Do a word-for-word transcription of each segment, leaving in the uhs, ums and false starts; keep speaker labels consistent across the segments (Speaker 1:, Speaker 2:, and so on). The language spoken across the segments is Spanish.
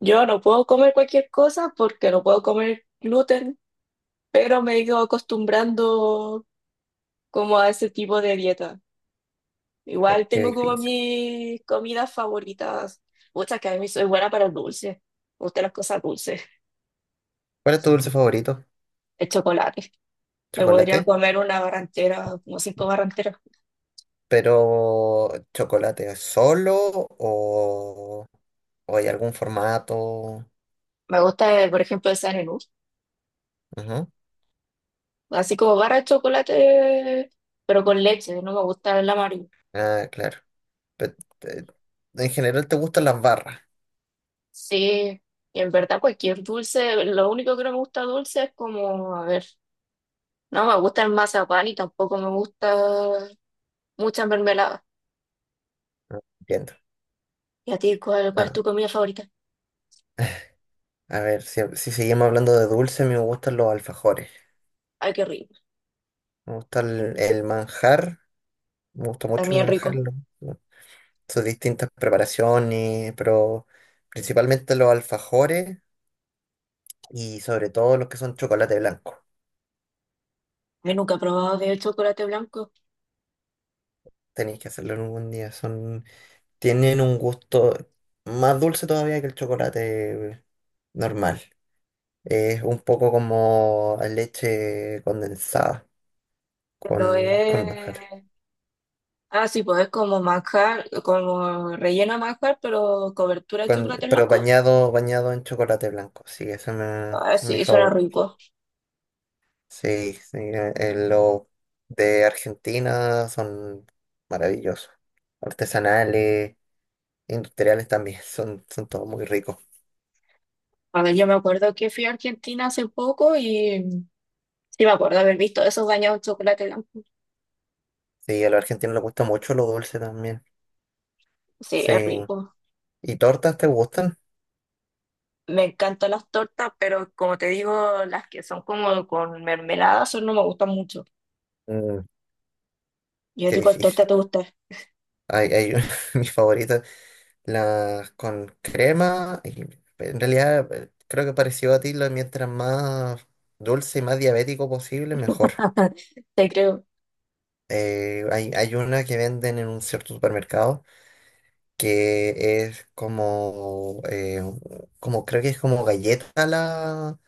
Speaker 1: Yo no puedo comer cualquier cosa porque no puedo comer gluten, pero me he ido acostumbrando como a ese tipo de dieta.
Speaker 2: Oh,
Speaker 1: Igual
Speaker 2: qué
Speaker 1: tengo como
Speaker 2: difícil.
Speaker 1: mis comidas favoritas. Muchas que a mí soy buena para el dulce. Me gustan las cosas dulces,
Speaker 2: ¿Cuál es tu dulce favorito?
Speaker 1: el chocolate. Me podría
Speaker 2: ¿Chocolate?
Speaker 1: comer una barra entera, como cinco barras enteras.
Speaker 2: Pero, ¿chocolate solo o, o hay algún formato?
Speaker 1: Me gusta, eh, por ejemplo, el Sanenú.
Speaker 2: Ujú.
Speaker 1: Así como barra de chocolate, pero con leche. No me gusta el amarillo.
Speaker 2: Ah, claro. Pe- te- en general te gustan las barras.
Speaker 1: Sí, y en verdad cualquier dulce, lo único que no me gusta dulce es como, a ver, no me gusta el mazapán y tampoco me gusta muchas mermeladas.
Speaker 2: Ah, entiendo.
Speaker 1: ¿Y a ti cuál, cuál es
Speaker 2: Ah,
Speaker 1: tu comida favorita?
Speaker 2: a ver, si, si seguimos hablando de dulce, a mí me gustan los alfajores.
Speaker 1: Ay, qué rico,
Speaker 2: Me gusta el, el manjar. Me gusta mucho el
Speaker 1: también
Speaker 2: manjar.
Speaker 1: rico.
Speaker 2: lo- lo- Sus distintas preparaciones, pero principalmente los alfajores. Y sobre todo los que son chocolate blanco.
Speaker 1: Yo nunca he probado de chocolate blanco,
Speaker 2: Tenéis que hacerlo en algún día. Son, tienen un gusto más dulce todavía que el chocolate normal. Es un poco como leche condensada
Speaker 1: pero
Speaker 2: con, con manjar.
Speaker 1: es... Ah, sí, pues es como manjar, como relleno de manjar, pero cobertura de
Speaker 2: Con,
Speaker 1: chocolate
Speaker 2: pero
Speaker 1: blanco.
Speaker 2: bañado, bañado en chocolate blanco. Sí, ese me- ese
Speaker 1: Ah,
Speaker 2: es mi
Speaker 1: sí, suena
Speaker 2: favorito.
Speaker 1: rico.
Speaker 2: Sí, sí, eh, eh, los de Argentina son maravillosos. Artesanales, industriales también. Son, son todos muy ricos.
Speaker 1: A ver, yo me acuerdo que fui a Argentina hace poco y sí me acuerdo haber visto esos bañados en chocolate blanco.
Speaker 2: Sí, a los argentinos les gusta mucho lo dulce también.
Speaker 1: Sí, es
Speaker 2: Sí.
Speaker 1: rico.
Speaker 2: ¿Y tortas te gustan?
Speaker 1: Me encantan las tortas, pero como te digo, las que son como con mermelada, eso no me gustan mucho.
Speaker 2: Mm,
Speaker 1: Yo
Speaker 2: qué
Speaker 1: digo, ¿cuál torta
Speaker 2: difícil.
Speaker 1: te gusta?
Speaker 2: Hay, hay mis favoritas, las con crema. Y en realidad, eh, creo que pareció a ti, la- mientras más dulce y más diabético posible, mejor.
Speaker 1: Te creo.
Speaker 2: Eh, hay, hay una que venden en un cierto supermercado que es como, eh, como creo que es como galleta la...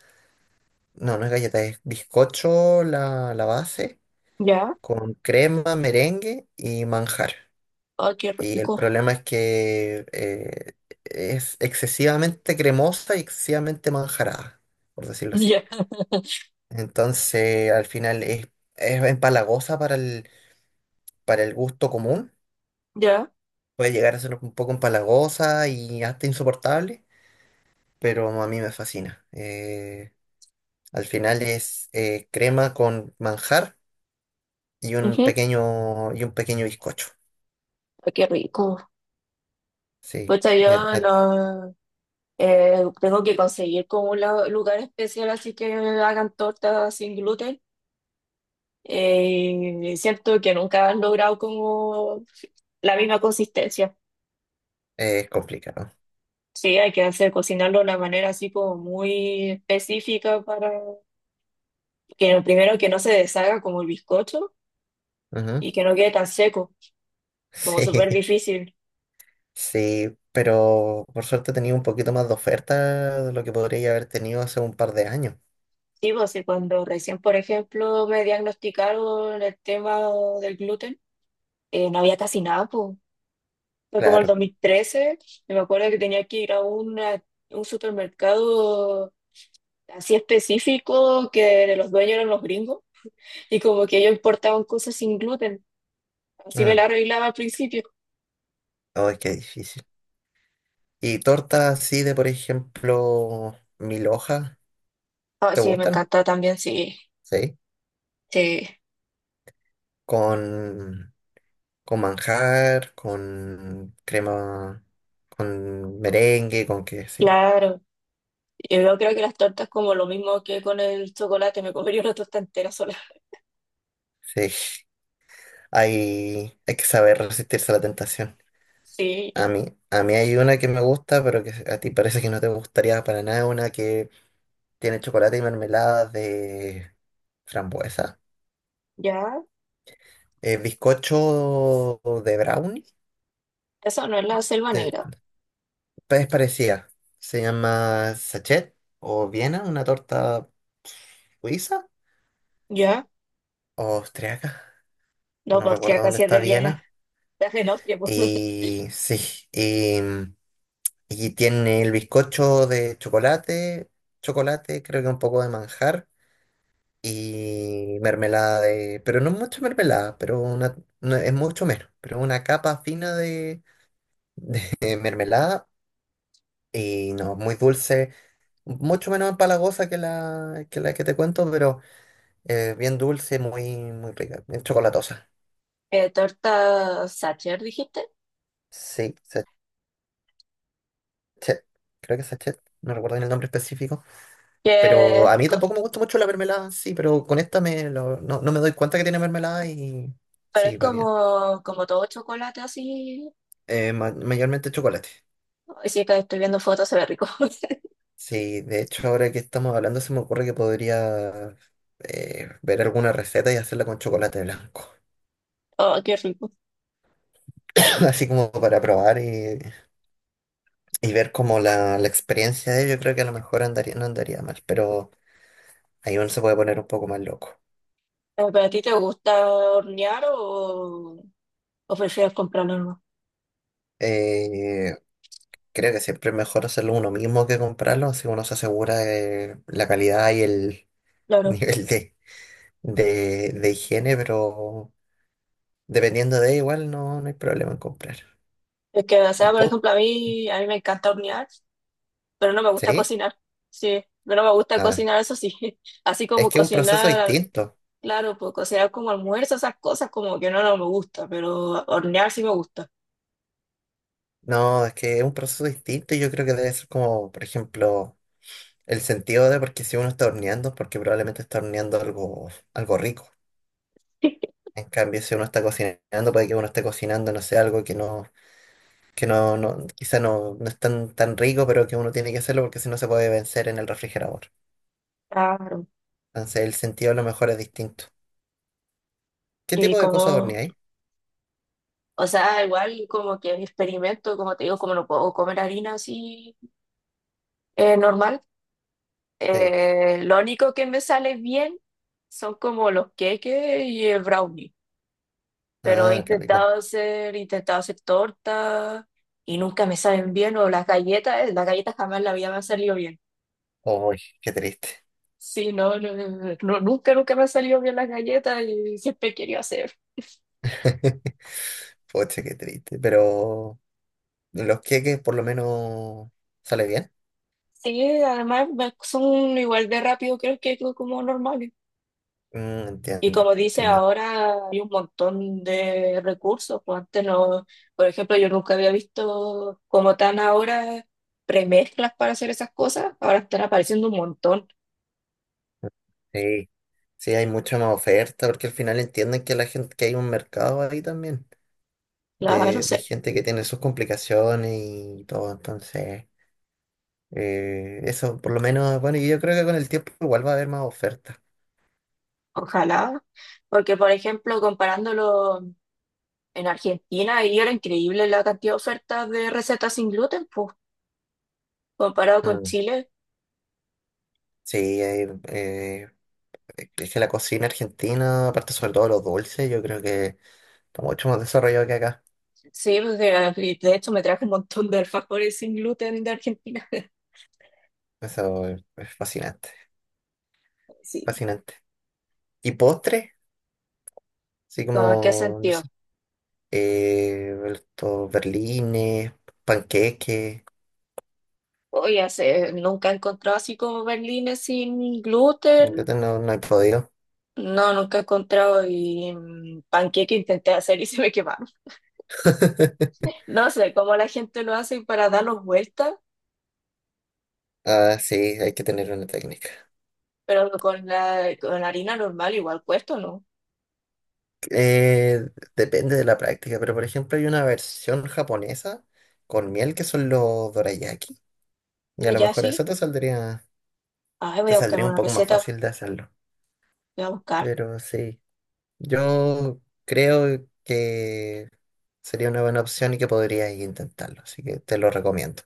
Speaker 2: No, no es galleta, es bizcocho la, la base
Speaker 1: ¿Ya?
Speaker 2: con crema, merengue y manjar.
Speaker 1: Ay, qué
Speaker 2: Y el
Speaker 1: rico.
Speaker 2: problema es que eh, es excesivamente cremosa y excesivamente manjarada, por decirlo así.
Speaker 1: Ya,
Speaker 2: Entonces, al final es, es empalagosa para el, para el gusto común.
Speaker 1: ya.
Speaker 2: Puede llegar a ser un poco empalagosa y hasta insoportable, pero a mí me fascina. Eh, al final es eh, crema con manjar y un
Speaker 1: Ujú,
Speaker 2: pequeño, y un pequeño bizcocho.
Speaker 1: ay, qué rico.
Speaker 2: Sí,
Speaker 1: Pues
Speaker 2: y a-
Speaker 1: yo
Speaker 2: a-
Speaker 1: no, eh, tengo que conseguir como un la- lugar especial así que hagan tortas sin gluten. Eh, siento que nunca han logrado como la misma consistencia.
Speaker 2: es complicado.
Speaker 1: Sí, hay que hacer cocinarlo de una manera así como muy específica para que lo primero que no se deshaga como el bizcocho
Speaker 2: Ujú.
Speaker 1: y que no quede tan seco, como
Speaker 2: Sí,
Speaker 1: súper difícil.
Speaker 2: sí, pero por suerte tenía un poquito más de oferta de lo que podría haber tenido hace un par de años.
Speaker 1: Sí, pues sí, cuando recién, por ejemplo, me diagnosticaron el tema del gluten, eh, no había casi nada, pues. Fue como el
Speaker 2: Claro.
Speaker 1: dos mil trece, y me acuerdo que tenía que ir a una- un supermercado así específico que los dueños eran los gringos y como que ellos importaban cosas sin gluten. Así me
Speaker 2: Mm.
Speaker 1: la arreglaba al principio.
Speaker 2: Ay, qué difícil. ¿Y tortas así de, por ejemplo, mil hojas?
Speaker 1: Ah,
Speaker 2: ¿Te
Speaker 1: sí, me
Speaker 2: gustan?
Speaker 1: encanta también, sí.
Speaker 2: Sí.
Speaker 1: Sí,
Speaker 2: Con, con manjar, con crema, con merengue, con qué, sí.
Speaker 1: claro. Yo creo que las tortas como lo mismo que con el chocolate, me comería una torta entera sola.
Speaker 2: Sí. Hay, hay que saber resistirse a la tentación. A
Speaker 1: Sí,
Speaker 2: mí, a mí hay una que me gusta, pero que a ti parece que no te gustaría para nada, una que tiene chocolate y mermelada de frambuesa.
Speaker 1: ya.
Speaker 2: Eh, bizcocho de brownie,
Speaker 1: Eso no es la selva
Speaker 2: de-
Speaker 1: negra.
Speaker 2: es parecida. Se llama sachet o Viena, una torta suiza
Speaker 1: Ya.
Speaker 2: o austriaca.
Speaker 1: No,
Speaker 2: No
Speaker 1: pues
Speaker 2: recuerdo
Speaker 1: austríaca
Speaker 2: dónde
Speaker 1: sí es
Speaker 2: está
Speaker 1: de Viena.
Speaker 2: Viena.
Speaker 1: Es en Austria, pues.
Speaker 2: Y sí, y, y tiene el bizcocho de chocolate, chocolate, creo que un poco de manjar. Y mermelada de, pero no mucha mermelada, pero una, no, es mucho menos, pero una capa fina de, de mermelada y no, muy dulce, mucho menos empalagosa que la que, la que te cuento, pero eh, bien dulce, muy, muy rica, bien chocolatosa.
Speaker 1: Eh, torta Sacher, dijiste.
Speaker 2: Sí, sachet, creo que sachet, no recuerdo bien el nombre específico,
Speaker 1: Que
Speaker 2: pero
Speaker 1: es
Speaker 2: a mí
Speaker 1: co-
Speaker 2: tampoco me gusta mucho la mermelada, sí, pero con esta me lo- no, no me doy cuenta que tiene mermelada y
Speaker 1: pero
Speaker 2: sí,
Speaker 1: es
Speaker 2: va bien.
Speaker 1: como, como todo chocolate así.
Speaker 2: Eh, ma- mayormente chocolate.
Speaker 1: Ay, sí, que estoy viendo fotos, se ve rico.
Speaker 2: Sí, de hecho ahora que estamos hablando se me ocurre que podría eh, ver alguna receta y hacerla con chocolate blanco.
Speaker 1: Oh, qué rico.
Speaker 2: Así como para probar y, y ver como la, la experiencia de ello. Yo creo que a lo mejor andaría, no andaría mal, pero ahí uno se puede poner un poco más loco.
Speaker 1: Eh, ¿Pero a ti te gusta hornear o, o prefieres comprarlo?
Speaker 2: Eh, Creo que siempre es mejor hacerlo uno mismo que comprarlo, así uno se asegura de la calidad y el
Speaker 1: ¿No?
Speaker 2: nivel de, de, de higiene, pero dependiendo de igual no, no hay problema en comprar.
Speaker 1: Es que, o sea,
Speaker 2: ¿Y
Speaker 1: por
Speaker 2: pot?
Speaker 1: ejemplo, a mí, a mí me encanta hornear, pero no me gusta
Speaker 2: ¿Sí?
Speaker 1: cocinar. Sí, pero no me gusta
Speaker 2: Ah,
Speaker 1: cocinar, eso sí. Así
Speaker 2: es
Speaker 1: como
Speaker 2: que es un proceso
Speaker 1: cocinar,
Speaker 2: distinto.
Speaker 1: claro, pues cocinar como almuerzo, esas cosas como que no, no me gusta, pero hornear sí me gusta.
Speaker 2: No, es que es un proceso distinto y yo creo que debe ser como, por ejemplo, el sentido de porque si uno está horneando, es porque probablemente está horneando algo, algo rico. En cambio, si uno está cocinando, puede que uno esté cocinando, no sé, algo que no, que no, no, quizá no, no es tan, tan rico, pero que uno tiene que hacerlo porque si no se puede vencer en el refrigerador.
Speaker 1: Claro.
Speaker 2: Entonces, el sentido a lo mejor es distinto. ¿Qué
Speaker 1: Y
Speaker 2: tipo de cosas
Speaker 1: como,
Speaker 2: horneáis?
Speaker 1: o sea, igual como que mi experimento, como te digo, como no puedo comer harina así eh, normal,
Speaker 2: Sí.
Speaker 1: eh, lo único que me sale bien son como los queques y el brownie. Pero he
Speaker 2: Ah, qué rico.
Speaker 1: intentado hacer, he intentado hacer torta y nunca me saben bien, o las galletas, eh, las galletas jamás en la vida me han salido bien.
Speaker 2: Uy, qué triste.
Speaker 1: Sí, no, no, no, no, nunca, nunca me han salido bien las galletas y siempre he querido hacer.
Speaker 2: Poche, qué triste. Pero en los queques por lo menos sale bien.
Speaker 1: Sí, además me- son igual de rápido creo que que como normales.
Speaker 2: Mm,
Speaker 1: Y
Speaker 2: entiendo,
Speaker 1: como dice,
Speaker 2: entiendo.
Speaker 1: ahora hay un montón de recursos, pues antes no, por ejemplo, yo nunca había visto como tan ahora premezclas para hacer esas cosas, ahora están apareciendo un montón.
Speaker 2: Sí, sí, hay mucha más oferta porque al final entienden que la gente, que hay un mercado ahí también
Speaker 1: La verdad no
Speaker 2: de, de
Speaker 1: sé,
Speaker 2: gente que tiene sus complicaciones y todo. Entonces, eh, eso por lo menos, bueno, y yo creo que con el tiempo igual va a haber más ofertas.
Speaker 1: ojalá. Porque, por ejemplo, comparándolo en Argentina, ahí era increíble la cantidad de ofertas de recetas sin gluten, pues, comparado con
Speaker 2: Mm,
Speaker 1: Chile.
Speaker 2: sí, hay, eh, es que la cocina argentina, aparte sobre todo los dulces, yo creo que está mucho más desarrollado que acá.
Speaker 1: Sí, pues, de, y de hecho me traje un montón de alfajores sin gluten de Argentina.
Speaker 2: Eso es es fascinante,
Speaker 1: Sí,
Speaker 2: fascinante. ¿Y postre? Así
Speaker 1: como en qué
Speaker 2: como, no
Speaker 1: sentido.
Speaker 2: sé, eh, estos berlines, panqueques.
Speaker 1: Oye, hace- nunca he encontrado así como berlines sin
Speaker 2: Sin
Speaker 1: gluten.
Speaker 2: gluten no, no he podido.
Speaker 1: No, nunca he encontrado y mm, panqueque intenté hacer y se me quemaron. No sé cómo la gente lo hace para darlos vueltas,
Speaker 2: Ah, sí, hay que tener una técnica.
Speaker 1: pero con la, con la harina normal igual cuesta, ¿no?
Speaker 2: Eh, Depende de la práctica, pero por ejemplo hay una versión japonesa con miel que son los dorayaki. Y a lo
Speaker 1: Ya
Speaker 2: mejor eso
Speaker 1: sí.
Speaker 2: te saldría,
Speaker 1: Ay, voy
Speaker 2: te
Speaker 1: a buscar
Speaker 2: saldría un
Speaker 1: una
Speaker 2: poco más
Speaker 1: receta,
Speaker 2: fácil de hacerlo.
Speaker 1: voy a buscar.
Speaker 2: Pero sí, yo creo que sería una buena opción y que podrías intentarlo, así que te lo recomiendo.